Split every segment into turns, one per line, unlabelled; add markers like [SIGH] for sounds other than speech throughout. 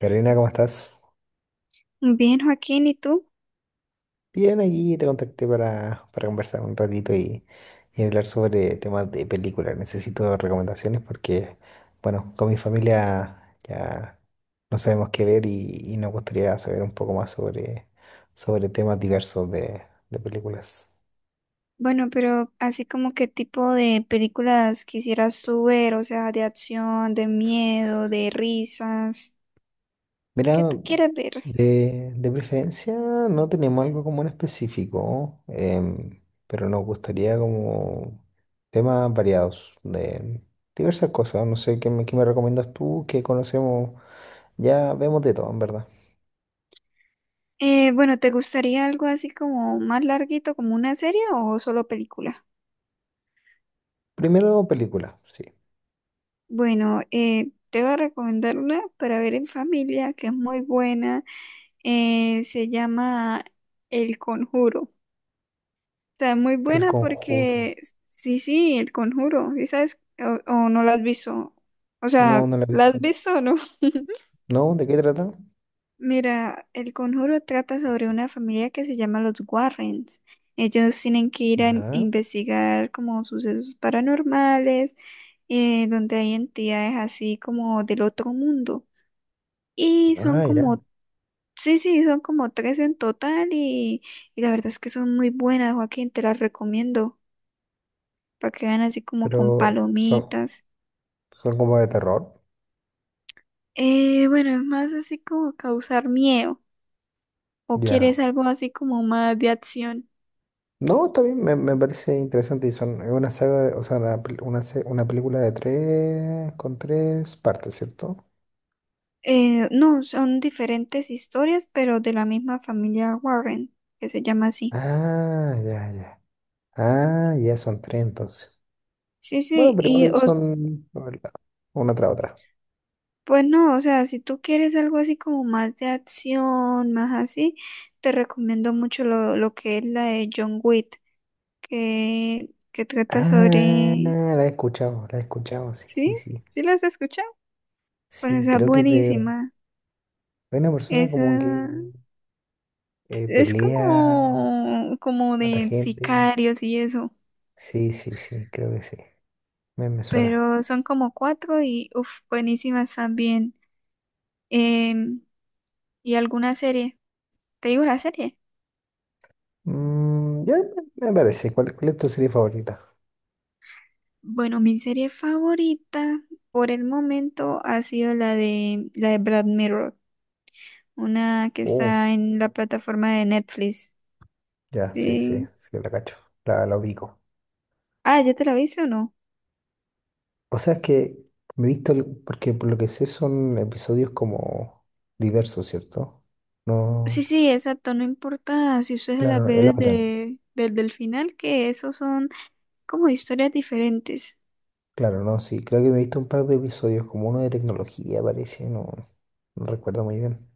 Carolina, ¿cómo estás?
Bien, Joaquín, ¿y tú?
Bien, aquí te contacté para conversar un ratito y hablar sobre temas de películas. Necesito recomendaciones porque, bueno, con mi familia ya no sabemos qué ver y nos gustaría saber un poco más sobre temas diversos de películas.
Bueno, pero así como qué tipo de películas quisieras tú ver, o sea, de acción, de miedo, de risas, ¿qué
Mira,
tú quieres ver?
de preferencia no tenemos algo como en específico, pero nos gustaría como temas variados de diversas cosas. No sé, ¿ qué me recomiendas tú? ¿Qué conocemos? Ya vemos de todo, en verdad.
Bueno, ¿te gustaría algo así como más larguito, como una serie o solo película?
Primero, película, sí.
Bueno, te voy a recomendar una para ver en familia que es muy buena, se llama El Conjuro. Está muy
El
buena
Conjuro.
porque sí, sí, el conjuro, ¿sí sabes? O no la has visto. O sea,
No la he
¿la has
visto.
visto o no? [LAUGHS]
¿No? ¿De qué trata?
Mira, el conjuro trata sobre una familia que se llama los Warrens. Ellos tienen que ir a
Ya.
investigar como sucesos paranormales, donde hay entidades así como del otro mundo. Y son
Ah, ya.
como, sí, sí, son como tres en total y la verdad es que son muy buenas, Joaquín, te las recomiendo. Para que vean así como con
Pero son,
palomitas.
son como de terror.
Bueno, es más así como causar miedo. ¿O quieres
Ya.
algo así como más de acción?
No, está bien, me parece interesante y son es una saga, o sea, una película de tres, con tres partes, ¿cierto?
No, son diferentes historias, pero de la misma familia Warren, que se llama así.
Ah, ya, ya. Ah, ya son tres entonces.
Sí,
Bueno,
sí,
pero
y
igual son a ver, una tras otra.
pues no, o sea, si tú quieres algo así como más de acción, más así, te recomiendo mucho lo que es la de John Wick, que trata
Ah,
sobre...
la he escuchado, sí, sí,
¿Sí?
sí.
¿Sí la has escuchado? Bueno,
Sí,
esa es
creo que es de
buenísima.
hay una persona
Es, eh,
como que
es
pelea,
como, como
mata
de
gente.
sicarios y eso,
Sí, sí, sí, creo que sí. Me suena.
pero son como cuatro y uf, buenísimas también. Em, ¿Y alguna serie? ¿Te digo la serie?
Mm, ya me parece. ¿Cuál, cuál es tu serie favorita?
Bueno, mi serie favorita por el momento ha sido la de Black Mirror, una que
Uh,
está en la plataforma de Netflix.
ya, sí, sí,
Sí.
sí, la cacho. La ubico.
Ah, ¿ya te la viste o no?
O sea, es que me he visto, porque por lo que sé son episodios como diversos, ¿cierto?
Sí,
No,
sí, exacto, no importa si usted se las
claro,
ve
el orden.
desde el final, que esos son como historias diferentes.
Claro, no, sí. Creo que me he visto un par de episodios, como uno de tecnología, parece, no, no recuerdo muy bien.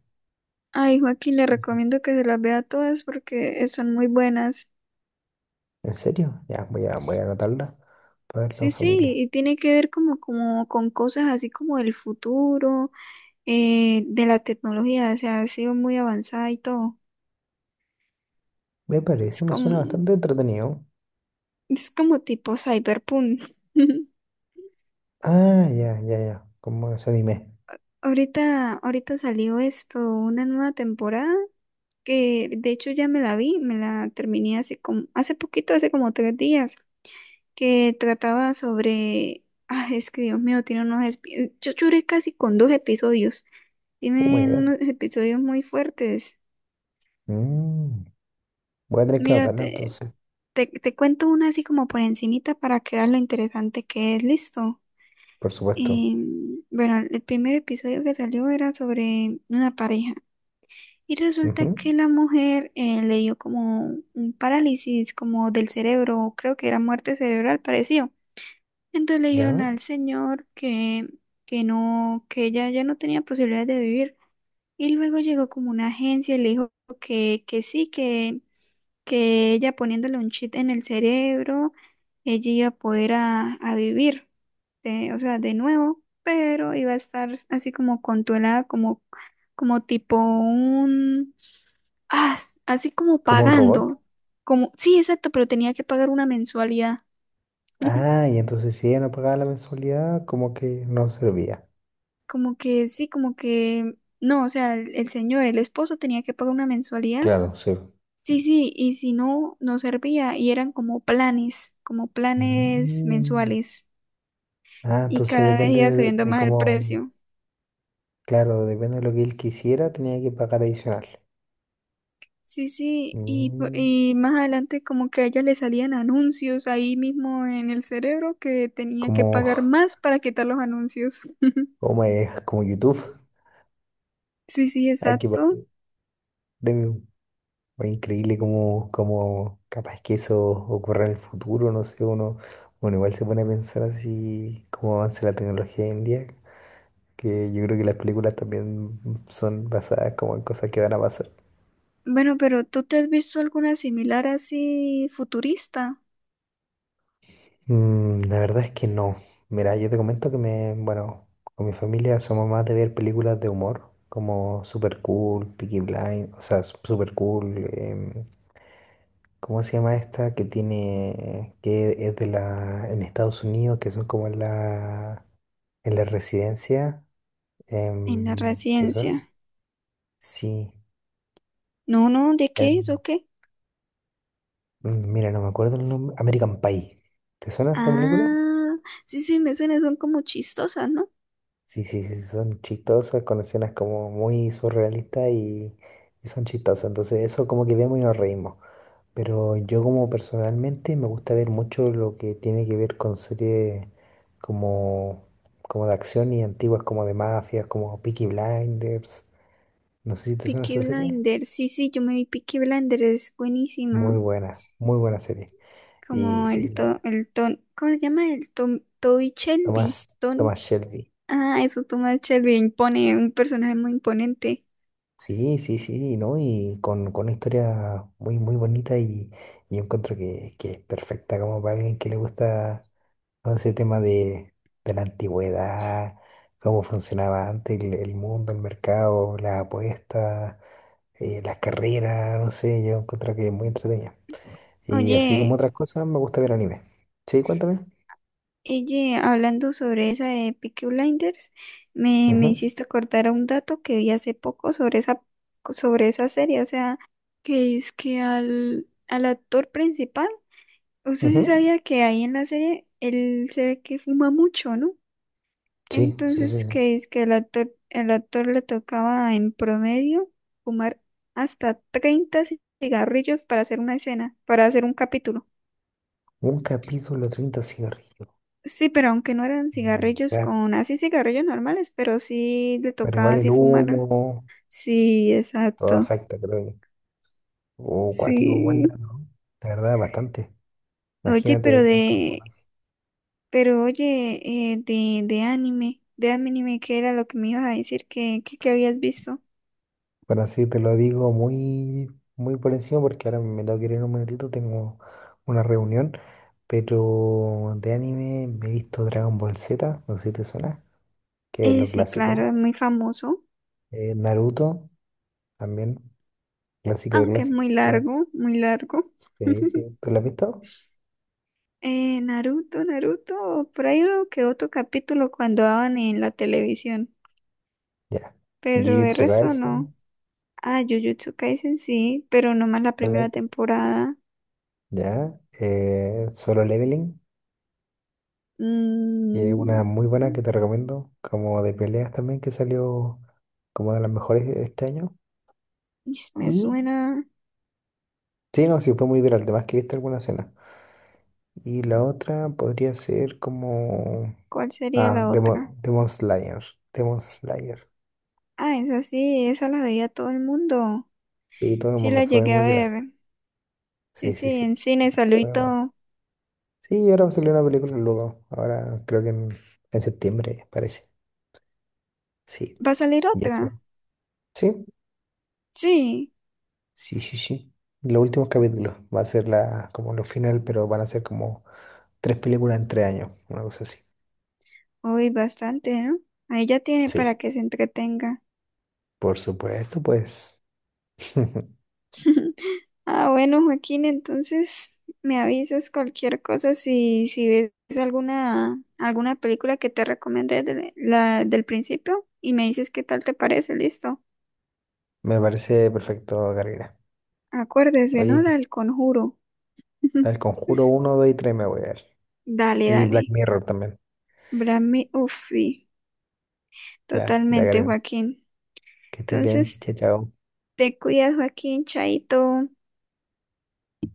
Ay, Joaquín, le recomiendo que se las vea todas porque son muy buenas.
¿En serio? Ya, voy a anotarla para verlo
Sí,
en
sí,
familia.
y tiene que ver como, como con cosas así como del futuro, de la tecnología, o sea, ha sido muy avanzada y todo.
Me
Es
parece, me suena
como,
bastante entretenido.
es como tipo cyberpunk. [LAUGHS]
Ah, ya, ya, ya. Como ese anime.
Ahorita, ahorita salió esto, una nueva temporada, que de hecho ya me la vi, me la terminé hace como, hace poquito, hace como tres días. Que trataba sobre... Ah, es que Dios mío, tiene unos... Yo lloré casi con dos episodios.
Oh my
Tienen
God.
unos episodios muy fuertes.
Mm. Voy a tener que
Mira,
anotarla entonces,
te cuento una así como por encimita para que veas lo interesante que es. Listo.
por supuesto.
Bueno, el primer episodio que salió era sobre una pareja. Y resulta que
Ujú,
la mujer le dio como un parálisis, como del cerebro, creo que era muerte cerebral, pareció. Entonces le dijeron
¿Ya?
al señor que no, que ella ya no tenía posibilidades de vivir. Y luego llegó como una agencia y le dijo que sí, que ella poniéndole un chip en el cerebro, ella iba a poder a vivir, o sea, de nuevo, pero iba a estar así como controlada, como, como tipo un, ah, así como
Como un robot.
pagando, como, sí, exacto, pero tenía que pagar una mensualidad. [LAUGHS]
Ah, y entonces si ella no pagaba la mensualidad, como que no servía.
Como que sí, como que no, o sea, el señor, el esposo tenía que pagar una mensualidad.
Claro, sí.
Sí, sí, y si no, no servía y eran como planes
Mm.
mensuales
Ah,
y
entonces
cada vez
depende
iba subiendo
de
más el
cómo,
precio.
claro, depende de lo que él quisiera, tenía que pagar adicional.
Sí, sí,
Mm.
y más adelante como que a ella le salían anuncios ahí mismo en el cerebro que tenía que
Como,
pagar más para quitar los anuncios. [LAUGHS]
[LAUGHS] como es, como YouTube.
Sí, sí,
Hay que pagar
exacto.
premium. Fue increíble cómo, cómo capaz que eso ocurra en el futuro, no sé, uno, bueno, igual se pone a pensar así cómo avanza la tecnología hoy en día, que yo creo que las películas también son basadas como en cosas que van a pasar.
Bueno, pero ¿tú te has visto alguna similar así futurista
Mm, la verdad es que no. Mira, yo te comento que me, bueno, con mi familia somos más de ver películas de humor, como Super Cool, Peaky Blind, o sea, Super Cool. ¿Cómo se llama esta que tiene, que es en Estados Unidos, que son como en la residencia?
en la
¿Te suena?
residencia?
Sí.
No, no, ¿de qué es
em,
o qué?
mira, no me acuerdo el nombre. American Pie. ¿Te suena esa película?
Ah, sí, sí, me suena, son como chistosas, ¿no?
Sí, sí, sí, son chistosas, con escenas como muy surrealistas y son chistosas. Entonces eso como que vemos y nos reímos. Pero yo como personalmente me gusta ver mucho lo que tiene que ver con series como, como de acción y antiguas como de mafias, como Peaky Blinders. No sé si te suena
Peaky
esa serie.
Blinder, sí, sí, yo me vi Peaky Blinder, es buenísima.
Muy buena serie. Y
Como
sí,
el
la,
to, el ton, ¿cómo se llama? El Tom, Toby Shelby,
Tomás, Tomás
Tony.
Shelby.
Ah, eso, Thomas Shelby impone, un personaje muy imponente.
Sí, sí, sí, ¿no? Y con una historia muy, muy bonita y yo encuentro que es perfecta como para alguien que le gusta todo ese tema de la antigüedad, cómo funcionaba antes el mundo, el mercado, las apuestas, las carreras, no sé, yo encuentro que es muy entretenida. Y así como
Oye,
otras cosas, me gusta ver anime. Sí, cuéntame.
oye, hablando sobre esa de Peaky Blinders, me
Ujú,
hiciste acordar a un dato que vi hace poco sobre esa serie, o sea, que es que al actor principal, usted sí
ujú.
sabía que ahí en la serie él se ve que fuma mucho, ¿no?
Sí, sí, sí,
Entonces,
sí.
que es que el actor le tocaba en promedio fumar hasta 30 cigarrillos para hacer una escena, para hacer un capítulo.
Un capítulo, 30 cigarrillos.
Sí, pero aunque no eran
My
cigarrillos
God.
con, así cigarrillos normales, pero sí le
Pero
tocaba
igual el
así fumar.
humo,
Sí,
todo
exacto.
afecta, creo. Que. Oh, cuático, buen
Sí.
dato. La verdad, bastante.
Oye, pero
Imagínate cuánto.
de, pero oye, de anime, ¿qué era lo que me ibas a decir que habías visto?
Bueno, sí, te lo digo muy, muy por encima porque ahora me tengo que ir en un minutito, tengo una reunión, pero de anime me he visto Dragon Ball Z, no sé si te suena, que es lo
Sí,
clásico.
claro, es muy famoso,
Naruto, también, clásico de
aunque es
clásicos.
muy largo, muy largo.
Sí,
[LAUGHS]
sí, ¿tú lo has visto?
Naruto, por ahí uno que otro capítulo cuando daban en la televisión,
Ya.
pero el
Jujutsu
resto
Kaisen,
no. Ah, Jujutsu Kaisen sí, pero no más la
¿te la
primera
viste?
temporada.
Ya. Solo Leveling, que es
Mm,
una muy buena que te recomiendo, como de peleas también, que salió como de las mejores este año.
me
Y
suena.
sí, no, sí, fue muy viral, además que viste alguna escena. Y la otra podría ser como...
¿Cuál sería
Ah,
la otra?
Demon Slayer. Demon Slayer.
Ah, esa sí, esa la veía todo el mundo.
Sí, todo el
Sí, la
mundo fue
llegué a
muy viral.
ver. Sí,
Sí, sí,
sí,
sí.
en cine salió y
Fue bueno.
todo.
Sí, ahora va a salir una película luego. Ahora creo que en septiembre, parece. Sí.
¿Va a salir
Y eso.
otra?
Sí,
Sí.
sí, sí, sí. Los últimos capítulos. Va a ser la, como lo final, pero van a ser como 3 películas en 3 años. Una cosa así.
Uy, bastante, ¿no? Ahí ya tiene para
Sí,
que se entretenga.
por supuesto, pues. [LAUGHS]
[LAUGHS] Ah, bueno, Joaquín, entonces me avisas cualquier cosa si, si ves alguna, alguna película que te recomendé de del principio y me dices qué tal te parece, listo.
Me parece perfecto, Gabriela.
Acuérdese, ¿no?
Oye,
La del conjuro. [LAUGHS]
tal Conjuro uno 2 y 3 me voy a ver.
Dale,
Y
dale.
Black Mirror también.
Brame, uff, sí,
Ya, ya,
totalmente,
Karina.
Joaquín.
Que estés bien.
Entonces,
Chao, chao.
te cuidas, Joaquín, chaito.